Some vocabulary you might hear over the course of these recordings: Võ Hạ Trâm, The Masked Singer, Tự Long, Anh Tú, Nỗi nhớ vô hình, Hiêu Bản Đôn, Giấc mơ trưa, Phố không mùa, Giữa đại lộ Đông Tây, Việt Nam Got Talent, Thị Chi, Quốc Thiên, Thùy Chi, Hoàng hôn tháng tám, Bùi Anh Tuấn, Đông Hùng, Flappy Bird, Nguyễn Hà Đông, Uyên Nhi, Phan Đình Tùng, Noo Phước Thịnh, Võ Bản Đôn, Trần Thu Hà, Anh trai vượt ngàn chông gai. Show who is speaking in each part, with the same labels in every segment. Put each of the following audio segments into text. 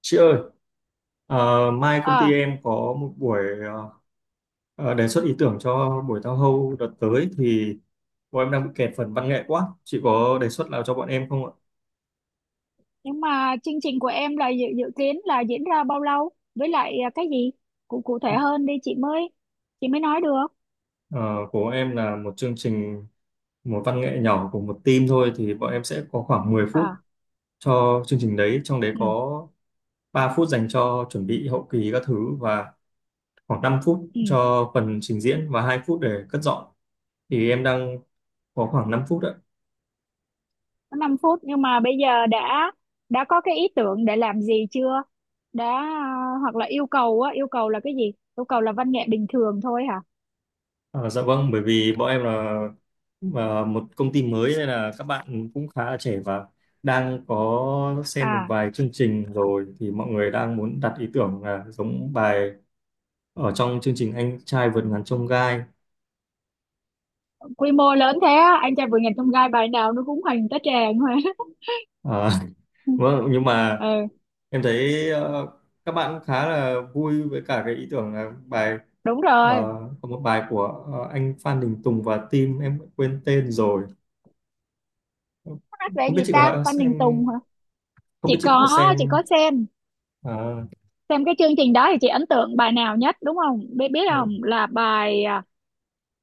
Speaker 1: Chị ơi, mai công ty
Speaker 2: Ờ,
Speaker 1: em có một buổi ờ, đề xuất ý tưởng cho buổi tao hâu đợt tới thì bọn em đang bị kẹt phần văn nghệ quá. Chị có đề xuất nào cho bọn em không ạ?
Speaker 2: nhưng mà chương trình của em là dự kiến là diễn ra bao lâu? Với lại cái gì? Cụ cụ thể hơn đi chị mới nói được.
Speaker 1: Ờ, của em là một chương trình một văn nghệ nhỏ của một team thôi thì bọn em sẽ có khoảng 10 phút
Speaker 2: À.
Speaker 1: cho chương trình đấy, trong đấy
Speaker 2: Ừ.
Speaker 1: có 3 phút dành cho chuẩn bị hậu kỳ các thứ và khoảng 5 phút
Speaker 2: Ừ,
Speaker 1: cho phần trình diễn và 2 phút để cất dọn. Thì em đang có khoảng 5 phút ạ.
Speaker 2: có 5 phút nhưng mà bây giờ đã có cái ý tưởng để làm gì chưa? Đã hoặc là yêu cầu á, yêu cầu là cái gì? Yêu cầu là văn nghệ bình thường thôi hả?
Speaker 1: Ờ, dạ vâng, bởi vì bọn em là một công ty mới nên là các bạn cũng khá là trẻ và đang có xem một
Speaker 2: À,
Speaker 1: vài chương trình rồi thì mọi người đang muốn đặt ý tưởng là giống bài ở trong chương trình Anh trai vượt ngàn chông gai.
Speaker 2: Quy mô lớn thế á, Anh Trai Vượt Ngàn Chông Gai bài nào nó cũng hoành tá tràng mà.
Speaker 1: Ờ, vâng, nhưng mà
Speaker 2: Ừ,
Speaker 1: em thấy các bạn cũng khá là vui với cả cái ý tưởng là bài
Speaker 2: đúng
Speaker 1: ờ,
Speaker 2: rồi.
Speaker 1: có một bài của anh Phan Đình Tùng và team em quên tên rồi.
Speaker 2: Hát về
Speaker 1: Không biết
Speaker 2: gì
Speaker 1: chị
Speaker 2: ta?
Speaker 1: có
Speaker 2: Phan
Speaker 1: xem
Speaker 2: Đình Tùng hả?
Speaker 1: Không
Speaker 2: Chị
Speaker 1: biết chị có
Speaker 2: có, chị
Speaker 1: xem
Speaker 2: có xem
Speaker 1: ờ,
Speaker 2: xem cái chương trình đó, thì chị ấn tượng bài nào nhất đúng không? Biết biết không, là bài à,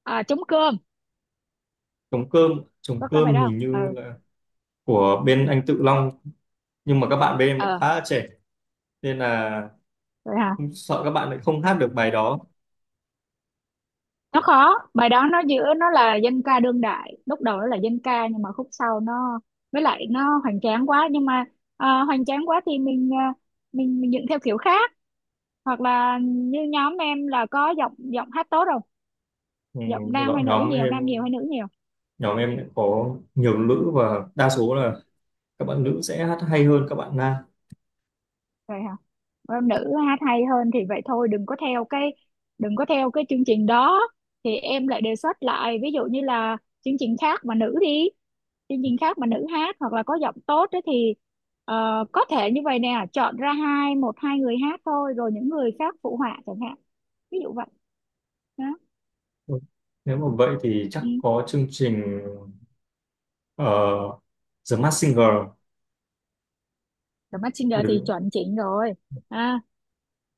Speaker 2: à, trống cơm.
Speaker 1: trống cơm trống
Speaker 2: Có cái bài
Speaker 1: cơm
Speaker 2: đó
Speaker 1: hình
Speaker 2: không?
Speaker 1: như
Speaker 2: Ừ.
Speaker 1: là của bên anh Tự Long nhưng mà các bạn bên em lại
Speaker 2: ờ
Speaker 1: khá là trẻ nên là
Speaker 2: Vậy hả?
Speaker 1: sợ các bạn lại không hát được bài đó.
Speaker 2: Nó khó, bài đó nó giữa, nó là dân ca đương đại, lúc đầu nó là dân ca nhưng mà khúc sau nó, với lại nó hoành tráng quá. Nhưng mà hoành tráng quá thì mình, mình dựng theo kiểu khác. Hoặc là như nhóm em là có giọng giọng hát tốt không?
Speaker 1: Ừ,
Speaker 2: Giọng nam hay
Speaker 1: dọn
Speaker 2: nữ,
Speaker 1: Nhóm
Speaker 2: nhiều
Speaker 1: em
Speaker 2: nam nhiều hay nữ nhiều?
Speaker 1: nhóm em lại có nhiều nữ và đa số là các bạn nữ sẽ hát hay hơn các bạn nam.
Speaker 2: Vậy hả? Nữ hát hay hơn thì vậy thôi, đừng có theo cái chương trình đó. Thì em lại đề xuất lại, ví dụ như là chương trình khác mà nữ đi, chương trình khác mà nữ hát, hoặc là có giọng tốt ấy thì có thể như vậy nè, chọn ra một hai người hát thôi rồi những người khác phụ họa chẳng hạn. Ví dụ vậy đó.
Speaker 1: Ừ, nếu mà vậy thì chắc
Speaker 2: Ừ.
Speaker 1: có chương trình uh, The Masked Singer,
Speaker 2: The Masked Singer
Speaker 1: bởi vì,
Speaker 2: thì chuẩn chỉnh rồi. à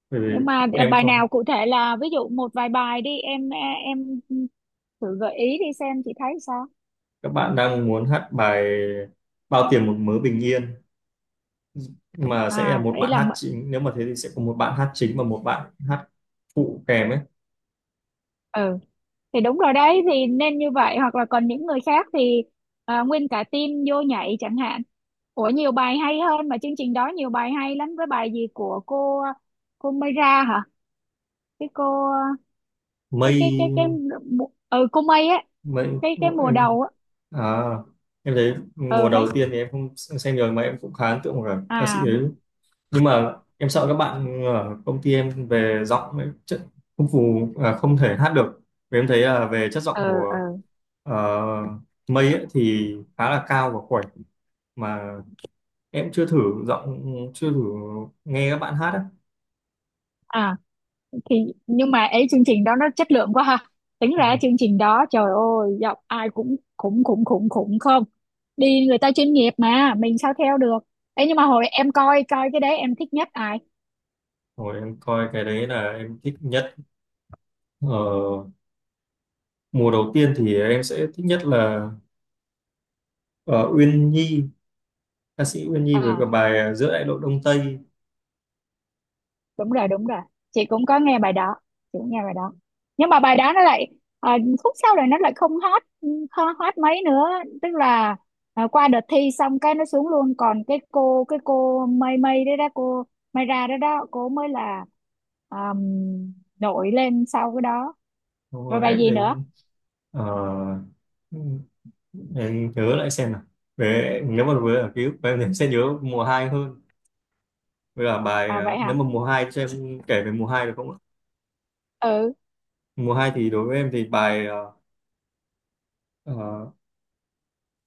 Speaker 1: bởi vì
Speaker 2: nhưng mà
Speaker 1: em
Speaker 2: bài
Speaker 1: có
Speaker 2: nào cụ thể, là ví dụ một vài bài đi em thử gợi ý đi xem chị thấy sao.
Speaker 1: các bạn đang muốn hát bài Bao tiền một mớ bình yên mà sẽ là một
Speaker 2: Đây
Speaker 1: bạn
Speaker 2: là
Speaker 1: hát chính, nếu mà thế thì sẽ có một bạn hát chính và một bạn hát phụ kèm ấy.
Speaker 2: ừ. Thì đúng rồi đấy, thì nên như vậy, hoặc là còn những người khác thì nguyên cả team vô nhảy chẳng hạn. Ủa, nhiều bài hay hơn mà, chương trình đó nhiều bài hay lắm, với bài gì của cô Mayra hả? cái cô cái
Speaker 1: Mây
Speaker 2: Ừ, cô May á,
Speaker 1: mây
Speaker 2: cái mùa
Speaker 1: em
Speaker 2: đầu á.
Speaker 1: à Em thấy
Speaker 2: Ừ
Speaker 1: mùa đầu
Speaker 2: mấy.
Speaker 1: tiên thì em không xem rồi mà em cũng khá ấn tượng với cả ca sĩ
Speaker 2: à
Speaker 1: đấy, nhưng mà em sợ các bạn ở công ty em về giọng ấy, chất không phù à, không thể hát được, vì em thấy là về chất giọng
Speaker 2: ờ ờ
Speaker 1: của ờ, mây ấy, thì khá là cao và khỏe mà em chưa thử giọng, chưa thử nghe các bạn hát
Speaker 2: à thì nhưng mà ấy, chương trình đó nó chất lượng quá ha. Tính ra
Speaker 1: ấy.
Speaker 2: chương trình đó trời ơi, giọng ai cũng khủng khủng khủng khủng, không đi, người ta chuyên nghiệp mà mình sao theo được. Ấy, nhưng mà hồi em coi coi cái đấy em thích nhất ai?
Speaker 1: Rồi em coi cái đấy là em thích nhất. Ờ, Mùa đầu tiên thì em sẽ thích nhất là ờ, Uyên Nhi, ca sĩ Uyên Nhi với cả
Speaker 2: À,
Speaker 1: bài Giữa đại lộ Đông Tây.
Speaker 2: đúng rồi, đúng rồi. Chị cũng có nghe bài đó, chị cũng nghe bài đó, nhưng mà bài đó nó lại à, khúc sau này nó lại không hot, không hot mấy nữa. Tức là qua đợt thi xong cái nó xuống luôn, còn cái cô mây mây đấy đó, cô mây ra đó đó cô mới là um, nổi lên sau cái đó.
Speaker 1: Xong
Speaker 2: Rồi
Speaker 1: rồi
Speaker 2: bài
Speaker 1: em
Speaker 2: gì nữa?
Speaker 1: đến ờ, em nhớ lại xem nào. Về nếu mà với ở ký ức của em thì em sẽ nhớ mùa 2 hơn. Với cả bài,
Speaker 2: Vậy
Speaker 1: nếu
Speaker 2: hả?
Speaker 1: mà mùa 2 cho em kể về mùa 2 được không ạ?
Speaker 2: Ừ.
Speaker 1: Mùa 2 thì đối với em thì bài ờ,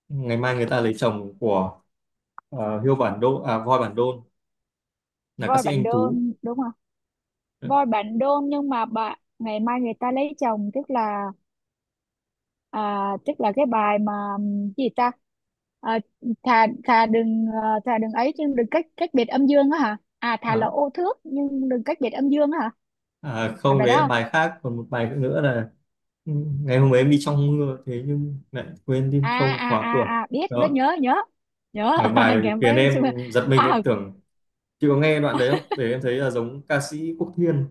Speaker 1: Ngày mai người ta lấy chồng của ờ, Hiêu Bản Đôn à Voi Bản Đôn là ca
Speaker 2: Voi
Speaker 1: sĩ
Speaker 2: Bạn
Speaker 1: Anh Tú.
Speaker 2: Đôn đúng không? Voi Bạn Đôn, nhưng mà ngày mai người ta lấy chồng, tức là tức là cái bài mà cái gì ta, à, thà thà đừng, thà đừng ấy chứ, đừng cách cách biệt âm dương á hả? Thà là
Speaker 1: Ờ,
Speaker 2: ô thước nhưng đừng cách biệt âm dương á hả? Phải
Speaker 1: Không,
Speaker 2: bài đó
Speaker 1: đấy là
Speaker 2: không?
Speaker 1: bài khác, còn một bài nữa là ừ, ngày hôm ấy em đi trong mưa thế nhưng lại quên tim không khóa cửa
Speaker 2: Biết, rất
Speaker 1: đó,
Speaker 2: nhớ, nhớ nhớ.
Speaker 1: mà bài
Speaker 2: Ngày
Speaker 1: khiến
Speaker 2: mấy mình chưa.
Speaker 1: em giật mình
Speaker 2: à
Speaker 1: em tưởng, chị có nghe đoạn đấy không để em thấy là giống ca sĩ Quốc Thiên,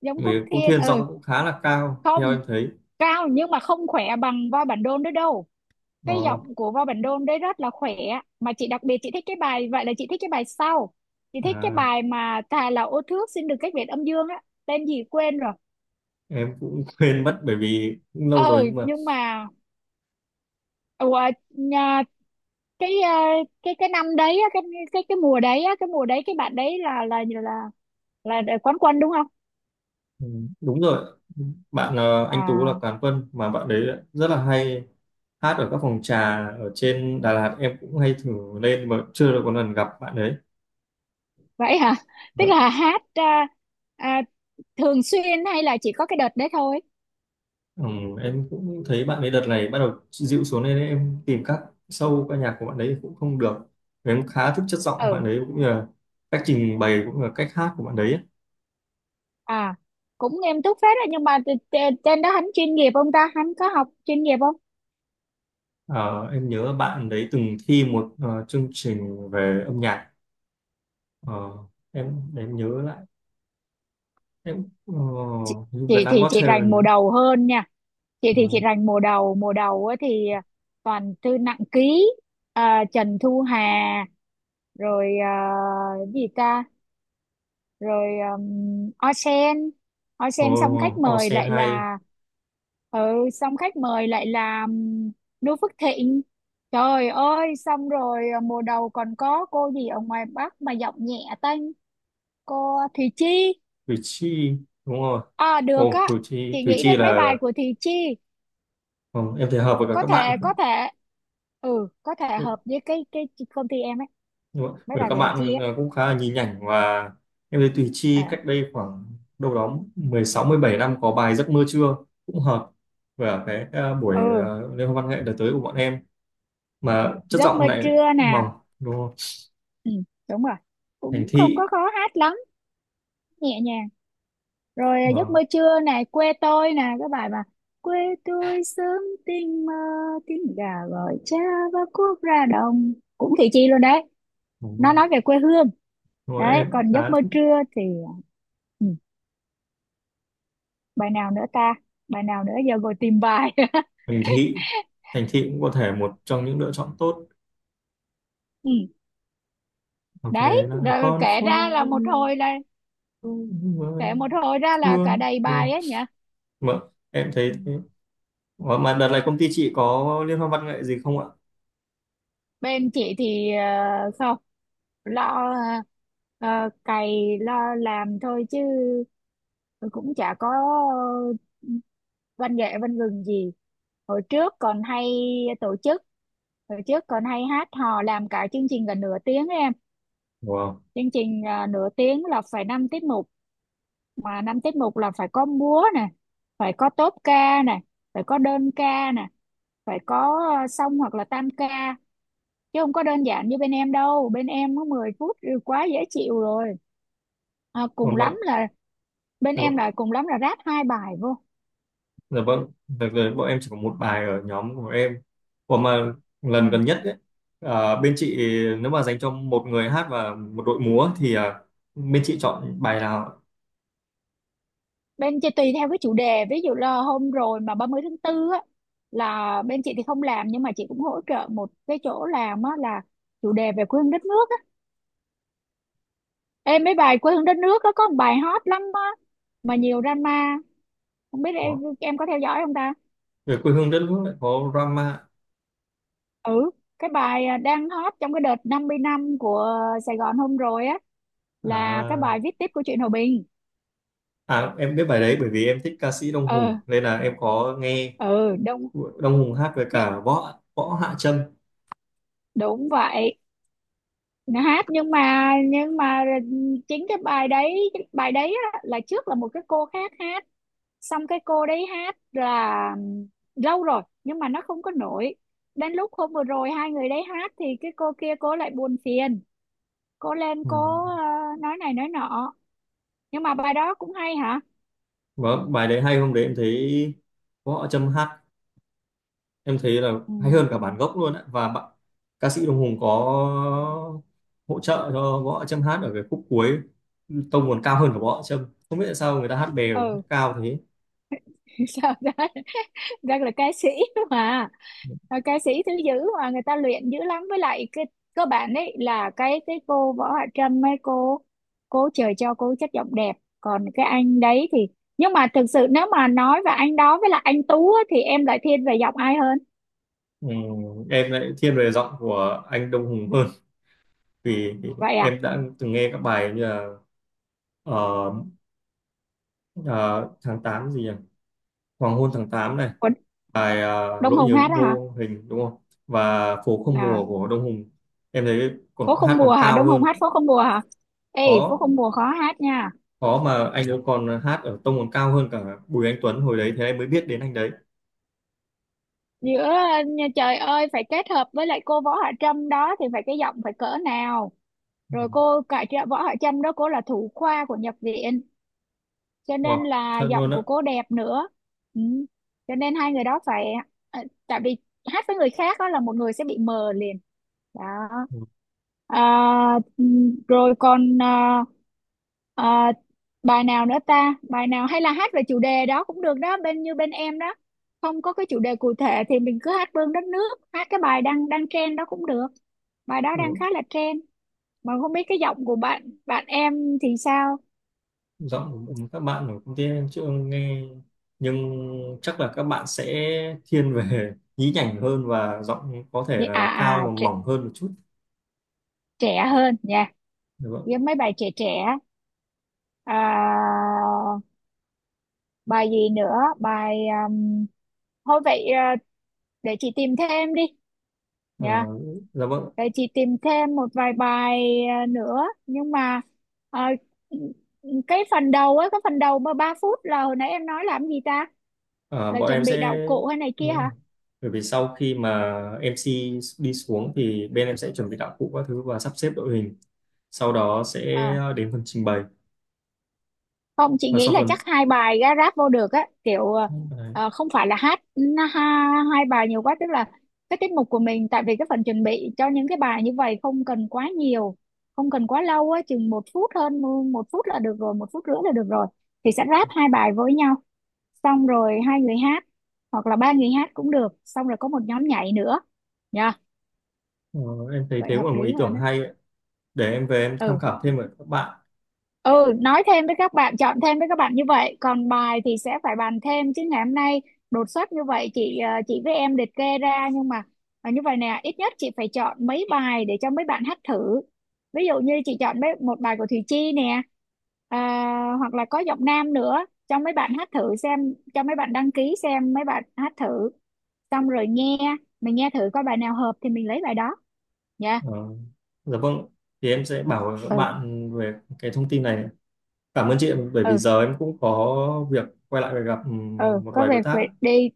Speaker 2: Giống
Speaker 1: vì
Speaker 2: Quốc
Speaker 1: Quốc
Speaker 2: Thiên.
Speaker 1: Thiên
Speaker 2: Ừ.
Speaker 1: giọng cũng khá là cao theo
Speaker 2: Không,
Speaker 1: em thấy
Speaker 2: cao nhưng mà không khỏe bằng Voi Bản Đôn nữa đâu. Cái
Speaker 1: đó.
Speaker 2: giọng của Võ Bản Đôn đấy rất là khỏe. Mà chị đặc biệt chị thích cái bài, vậy là chị thích cái bài sau, chị thích cái
Speaker 1: à,
Speaker 2: bài mà thà là ô thước xin được cách biệt âm dương á, tên gì quên rồi.
Speaker 1: em cũng quên mất bởi vì cũng lâu
Speaker 2: Ờ
Speaker 1: rồi nhưng mà
Speaker 2: nhưng mà ủa, nhà, cái cái năm đấy á, cái mùa đấy á, cái mùa đấy cái bạn đấy là quán quân đúng không?
Speaker 1: ừ, đúng rồi. Bạn anh Tú là
Speaker 2: À,
Speaker 1: cán quân mà bạn đấy rất là hay, hát ở các phòng trà ở trên Đà Lạt em cũng hay thử lên mà chưa được một lần gặp bạn đấy.
Speaker 2: vậy hả? Tức
Speaker 1: Vâng.
Speaker 2: là hát à, thường xuyên hay là chỉ có cái đợt đấy thôi?
Speaker 1: ừ, em cũng thấy bạn ấy đợt này bắt đầu dịu xuống nên em tìm các show ca nhạc của bạn ấy cũng không được. Em khá thích chất giọng
Speaker 2: Ừ.
Speaker 1: bạn ấy cũng như là cách trình bày cũng như là cách hát của bạn đấy.
Speaker 2: à Cũng nghiêm túc phết đấy, nhưng mà trên đó hắn chuyên nghiệp không ta, hắn có học chuyên nghiệp không?
Speaker 1: Ờ, em nhớ bạn đấy từng thi một chương trình về âm nhạc. Ờ, em để em nhớ lại em Việt
Speaker 2: Chị
Speaker 1: Nam
Speaker 2: thì
Speaker 1: Got
Speaker 2: chị rành
Speaker 1: Talent
Speaker 2: mùa
Speaker 1: nữa.
Speaker 2: đầu hơn nha. Chị thì chị
Speaker 1: uh,
Speaker 2: rành mùa đầu, mùa đầu á thì toàn thư nặng ký. Trần Thu Hà, rồi cái gì ta, rồi Osen. Osen, xong khách
Speaker 1: All All
Speaker 2: mời lại
Speaker 1: hay
Speaker 2: là, ừ, xong khách mời lại là Noo Phước Thịnh. Trời ơi, xong rồi mùa đầu còn có cô gì ở ngoài Bắc mà giọng nhẹ tênh, cô Thị Chi.
Speaker 1: Cử tri, đúng rồi.
Speaker 2: Được á.
Speaker 1: Ồ Cử tri,
Speaker 2: Chị
Speaker 1: Cử
Speaker 2: nghĩ
Speaker 1: tri
Speaker 2: đến mấy bài
Speaker 1: là
Speaker 2: của Thị Chi.
Speaker 1: ừ, em thấy hợp với cả
Speaker 2: Có
Speaker 1: các
Speaker 2: thể, có
Speaker 1: bạn.
Speaker 2: thể. Ừ, có thể
Speaker 1: Đấy,
Speaker 2: hợp với cái công ty em ấy.
Speaker 1: đúng rồi.
Speaker 2: Mấy
Speaker 1: Với
Speaker 2: bài
Speaker 1: các
Speaker 2: của Thị Chi
Speaker 1: bạn
Speaker 2: ấy.
Speaker 1: cũng khá là nhí nhảnh và em thấy Thùy Chi
Speaker 2: à
Speaker 1: cách đây khoảng đâu đó 16 17 năm có bài Giấc mơ trưa cũng hợp với cả cái buổi
Speaker 2: ừ.
Speaker 1: liên hoan văn nghệ đợt tới của bọn em, mà chất
Speaker 2: Giấc mơ
Speaker 1: giọng lại
Speaker 2: trưa nè.
Speaker 1: mỏng đúng không,
Speaker 2: Ừ, đúng rồi.
Speaker 1: thành
Speaker 2: Cũng không
Speaker 1: thị
Speaker 2: có khó hát lắm. Nhẹ nhàng. Rồi giấc
Speaker 1: ờ,
Speaker 2: mơ trưa này, quê tôi nè, cái bài mà "quê tôi sớm tinh mơ, tiếng gà gọi cha và cuốc ra đồng", cũng Thị Chi luôn đấy.
Speaker 1: đúng
Speaker 2: Nó
Speaker 1: rồi.
Speaker 2: nói về quê hương.
Speaker 1: Đúng rồi,
Speaker 2: Đấy.
Speaker 1: em
Speaker 2: Còn giấc
Speaker 1: khá
Speaker 2: mơ
Speaker 1: thích
Speaker 2: trưa thì. Ừ. Bài nào nữa ta? Bài nào nữa, giờ ngồi tìm bài.
Speaker 1: thành thị, thành thị cũng có thể một trong những lựa chọn tốt,
Speaker 2: Ừ.
Speaker 1: hoặc về
Speaker 2: Đấy,
Speaker 1: lại
Speaker 2: rồi
Speaker 1: con
Speaker 2: kể ra
Speaker 1: phố
Speaker 2: là một hồi là,
Speaker 1: mà
Speaker 2: kể một hồi ra là cả
Speaker 1: thương
Speaker 2: đầy
Speaker 1: đúng
Speaker 2: bài
Speaker 1: không,
Speaker 2: ấy nhỉ.
Speaker 1: mà em thấy
Speaker 2: Ừ.
Speaker 1: thế. Ủa, mà đợt này công ty chị có liên hoan văn nghệ gì không ạ?
Speaker 2: Bên chị thì không. Lo, ờ, cày lo làm thôi chứ, cũng chả có ờ, văn nghệ văn gừng gì. Hồi trước còn hay tổ chức, hồi trước còn hay hát hò, làm cả chương trình gần nửa tiếng ấy em.
Speaker 1: Wow.
Speaker 2: Chương trình nửa tiếng là phải năm tiết mục. Mà năm tiết mục là phải có múa nè, phải có tốp ca nè, phải có đơn ca nè, phải có song hoặc là tam ca, chứ không có đơn giản như bên em đâu. Bên em có 10 phút thì quá dễ chịu rồi. Cùng
Speaker 1: Còn
Speaker 2: lắm
Speaker 1: bận.
Speaker 2: là, bên
Speaker 1: Dạ
Speaker 2: em
Speaker 1: vâng,
Speaker 2: là cùng lắm là ráp hai bài vô.
Speaker 1: dạ vâng. Đợt này bọn em chỉ có
Speaker 2: Ừ.
Speaker 1: một bài ở nhóm của em. Ủa mà lần
Speaker 2: Ừ.
Speaker 1: gần nhất ấy, bên chị, nếu mà dành cho một người hát và một đội múa thì bên chị chọn bài nào ạ?
Speaker 2: Bên chị tùy theo cái chủ đề, ví dụ là hôm rồi mà 30 tháng 4 á là bên chị thì không làm, nhưng mà chị cũng hỗ trợ một cái chỗ làm á, là chủ đề về quê hương đất nước á. Em, mấy bài quê hương đất nước á có một bài hot lắm á, mà nhiều drama, không biết
Speaker 1: Ủa,
Speaker 2: em có theo dõi không ta?
Speaker 1: về quê hương đất nước lại có drama
Speaker 2: Ừ, cái bài đang hot trong cái đợt 50 năm của Sài Gòn hôm rồi á, là cái
Speaker 1: à?
Speaker 2: bài Viết Tiếp của truyện Hòa Bình.
Speaker 1: Em biết bài đấy bởi vì em thích ca sĩ Đông
Speaker 2: ờ
Speaker 1: Hùng nên là em có nghe,
Speaker 2: ừ, đúng.
Speaker 1: của Đông Hùng hát với
Speaker 2: nhớ-
Speaker 1: cả Võ Võ Hạ Trâm.
Speaker 2: Đúng vậy. Nó hát nhưng mà chính cái bài đấy, cái bài đấy á, là trước là một cái cô khác hát. Xong cái cô đấy hát là lâu rồi nhưng mà nó không có nổi. Đến lúc hôm vừa rồi hai người đấy hát, thì cái cô kia cô lại buồn phiền, cô lên
Speaker 1: Ừ.
Speaker 2: cô nói này nói nọ. Nhưng mà bài đó cũng hay hả?
Speaker 1: Vâng, bài đấy hay. Hôm đấy em thấy Võ Hạ Trâm hát, em thấy là
Speaker 2: Ừ,
Speaker 1: hay hơn cả bản gốc luôn ạ. Và bạn, ca sĩ Đông Hùng có hỗ trợ cho Võ Hạ Trâm hát ở cái khúc cuối, tông còn cao hơn cả Võ Hạ Trâm, không biết tại sao người ta hát bè rồi hát
Speaker 2: ừ.
Speaker 1: cao thế.
Speaker 2: Sao đó. Rất là ca sĩ mà. Ờ, ca sĩ thứ dữ, mà người ta luyện dữ lắm, với lại cái cơ bản đấy là cái cô Võ Hạ Trâm ấy, cô trời cho cô chất giọng đẹp. Còn cái anh đấy thì. Nhưng mà thực sự nếu mà nói về anh đó với lại anh Tú á, thì em lại thiên về giọng ai hơn?
Speaker 1: Ừ, em lại thiên về giọng của anh Đông Hùng hơn, vì
Speaker 2: Vậy à?
Speaker 1: em đã từng nghe các bài như là ờ, ờ, tháng 8 gì nhỉ, Hoàng hôn tháng tám này,
Speaker 2: Còn
Speaker 1: bài
Speaker 2: Đông
Speaker 1: Nỗi
Speaker 2: Hùng
Speaker 1: nhớ
Speaker 2: hát á hả?
Speaker 1: vô hình đúng không, và Phố không mùa
Speaker 2: à,
Speaker 1: của Đông Hùng, em thấy
Speaker 2: Phố
Speaker 1: còn
Speaker 2: không
Speaker 1: hát
Speaker 2: mùa
Speaker 1: còn
Speaker 2: hả,
Speaker 1: cao
Speaker 2: Đông Hùng
Speaker 1: hơn.
Speaker 2: hát phố không mùa hả? Ê, phố
Speaker 1: Khó
Speaker 2: không mùa khó hát nha.
Speaker 1: Khó, mà anh ấy còn hát ở tông còn cao hơn cả Bùi Anh Tuấn hồi đấy, thế em mới biết đến anh đấy.
Speaker 2: Giữa nhà trời ơi, phải kết hợp với lại cô Võ Hạ Trâm đó thì phải cái giọng phải cỡ nào?
Speaker 1: Ừ.
Speaker 2: Rồi cô, cả chị Võ Hạ Trâm đó cô là thủ khoa của nhập viện, cho nên
Speaker 1: Wow,
Speaker 2: là
Speaker 1: thật luôn
Speaker 2: giọng
Speaker 1: á.
Speaker 2: của cô đẹp nữa. Ừ. Cho nên hai người đó phải ờ, tại vì hát với người khác đó là một người sẽ bị mờ liền. Đó.
Speaker 1: Ừ.
Speaker 2: À, rồi còn à, bài nào nữa ta? Bài nào hay là hát về chủ đề đó cũng được đó, bên như bên em đó. Không có cái chủ đề cụ thể thì mình cứ hát Vương đất nước, hát cái bài đang đang trend đó cũng được. Bài đó đang
Speaker 1: Ừ.
Speaker 2: khá là trend. Mà không biết cái giọng của bạn bạn em thì sao?
Speaker 1: Giọng của các bạn ở công ty em chưa nghe, nhưng chắc là các bạn sẽ thiên về nhí nhảnh hơn và giọng có thể là cao mà
Speaker 2: Trẻ,
Speaker 1: mỏng hơn một chút.
Speaker 2: trẻ hơn nha.
Speaker 1: Dạ vâng.
Speaker 2: Với mấy bài trẻ trẻ. À, bài gì nữa? Bài um, thôi vậy, để chị tìm thêm đi
Speaker 1: Ờ,
Speaker 2: nha.
Speaker 1: dạ vâng.
Speaker 2: Vậy chị tìm thêm một vài bài nữa, nhưng mà à, cái phần đầu á, cái phần đầu mà 3 phút là hồi nãy em nói làm gì ta,
Speaker 1: À,
Speaker 2: là
Speaker 1: bọn em
Speaker 2: chuẩn bị đạo
Speaker 1: sẽ
Speaker 2: cụ hay này kia
Speaker 1: Đúng rồi.
Speaker 2: hả?
Speaker 1: Bởi vì sau khi mà MC đi xuống thì bên em sẽ chuẩn bị đạo cụ các thứ và sắp xếp đội hình. Sau đó sẽ
Speaker 2: à
Speaker 1: đến phần trình bày
Speaker 2: Không, chị
Speaker 1: và
Speaker 2: nghĩ
Speaker 1: sau
Speaker 2: là chắc
Speaker 1: phần
Speaker 2: hai bài ra ráp vô được á kiểu,
Speaker 1: đấy.
Speaker 2: không phải là hát ha, hai bài nhiều quá, tức là cái tiết mục của mình, tại vì cái phần chuẩn bị cho những cái bài như vậy không cần quá nhiều, không cần quá lâu á, chừng 1 phút hơn, 1 phút là được rồi, 1 phút rưỡi là được rồi. Thì sẽ ráp hai bài với nhau, xong rồi hai người hát hoặc là ba người hát cũng được, xong rồi có một nhóm nhảy nữa nha.
Speaker 1: Ờ, em thấy thế
Speaker 2: Vậy
Speaker 1: cũng
Speaker 2: hợp
Speaker 1: là một
Speaker 2: lý
Speaker 1: ý
Speaker 2: hơn
Speaker 1: tưởng
Speaker 2: á.
Speaker 1: hay ấy. Để em về em tham
Speaker 2: Ừ.
Speaker 1: khảo thêm với các bạn.
Speaker 2: Ừ, nói thêm với các bạn, chọn thêm với các bạn như vậy, còn bài thì sẽ phải bàn thêm, chứ ngày hôm nay đột xuất như vậy chị chị với em liệt kê ra, nhưng mà như vậy nè, ít nhất chị phải chọn mấy bài để cho mấy bạn hát thử. Ví dụ như chị chọn mấy, một bài của Thùy Chi nè, à, hoặc là có giọng nam nữa cho mấy bạn hát thử xem, cho mấy bạn đăng ký xem mấy bạn hát thử, xong rồi nghe, mình nghe thử coi bài nào hợp thì mình lấy bài đó nha.
Speaker 1: Ờ, dạ vâng. Thì em sẽ bảo với các
Speaker 2: Ừ.
Speaker 1: bạn về cái thông tin này. Cảm ơn chị ạ, bởi vì
Speaker 2: Ừ.
Speaker 1: giờ em cũng có việc quay lại và gặp
Speaker 2: Ừ,
Speaker 1: một
Speaker 2: có
Speaker 1: vài
Speaker 2: việc
Speaker 1: đối tác.
Speaker 2: phải đi.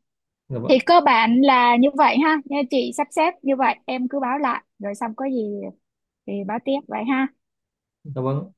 Speaker 1: Dạ
Speaker 2: Thì
Speaker 1: vâng.
Speaker 2: cơ bản là như vậy ha, nha chị sắp xếp như vậy, em cứ báo lại rồi xong có gì thì báo tiếp vậy ha.
Speaker 1: Dạ vâng.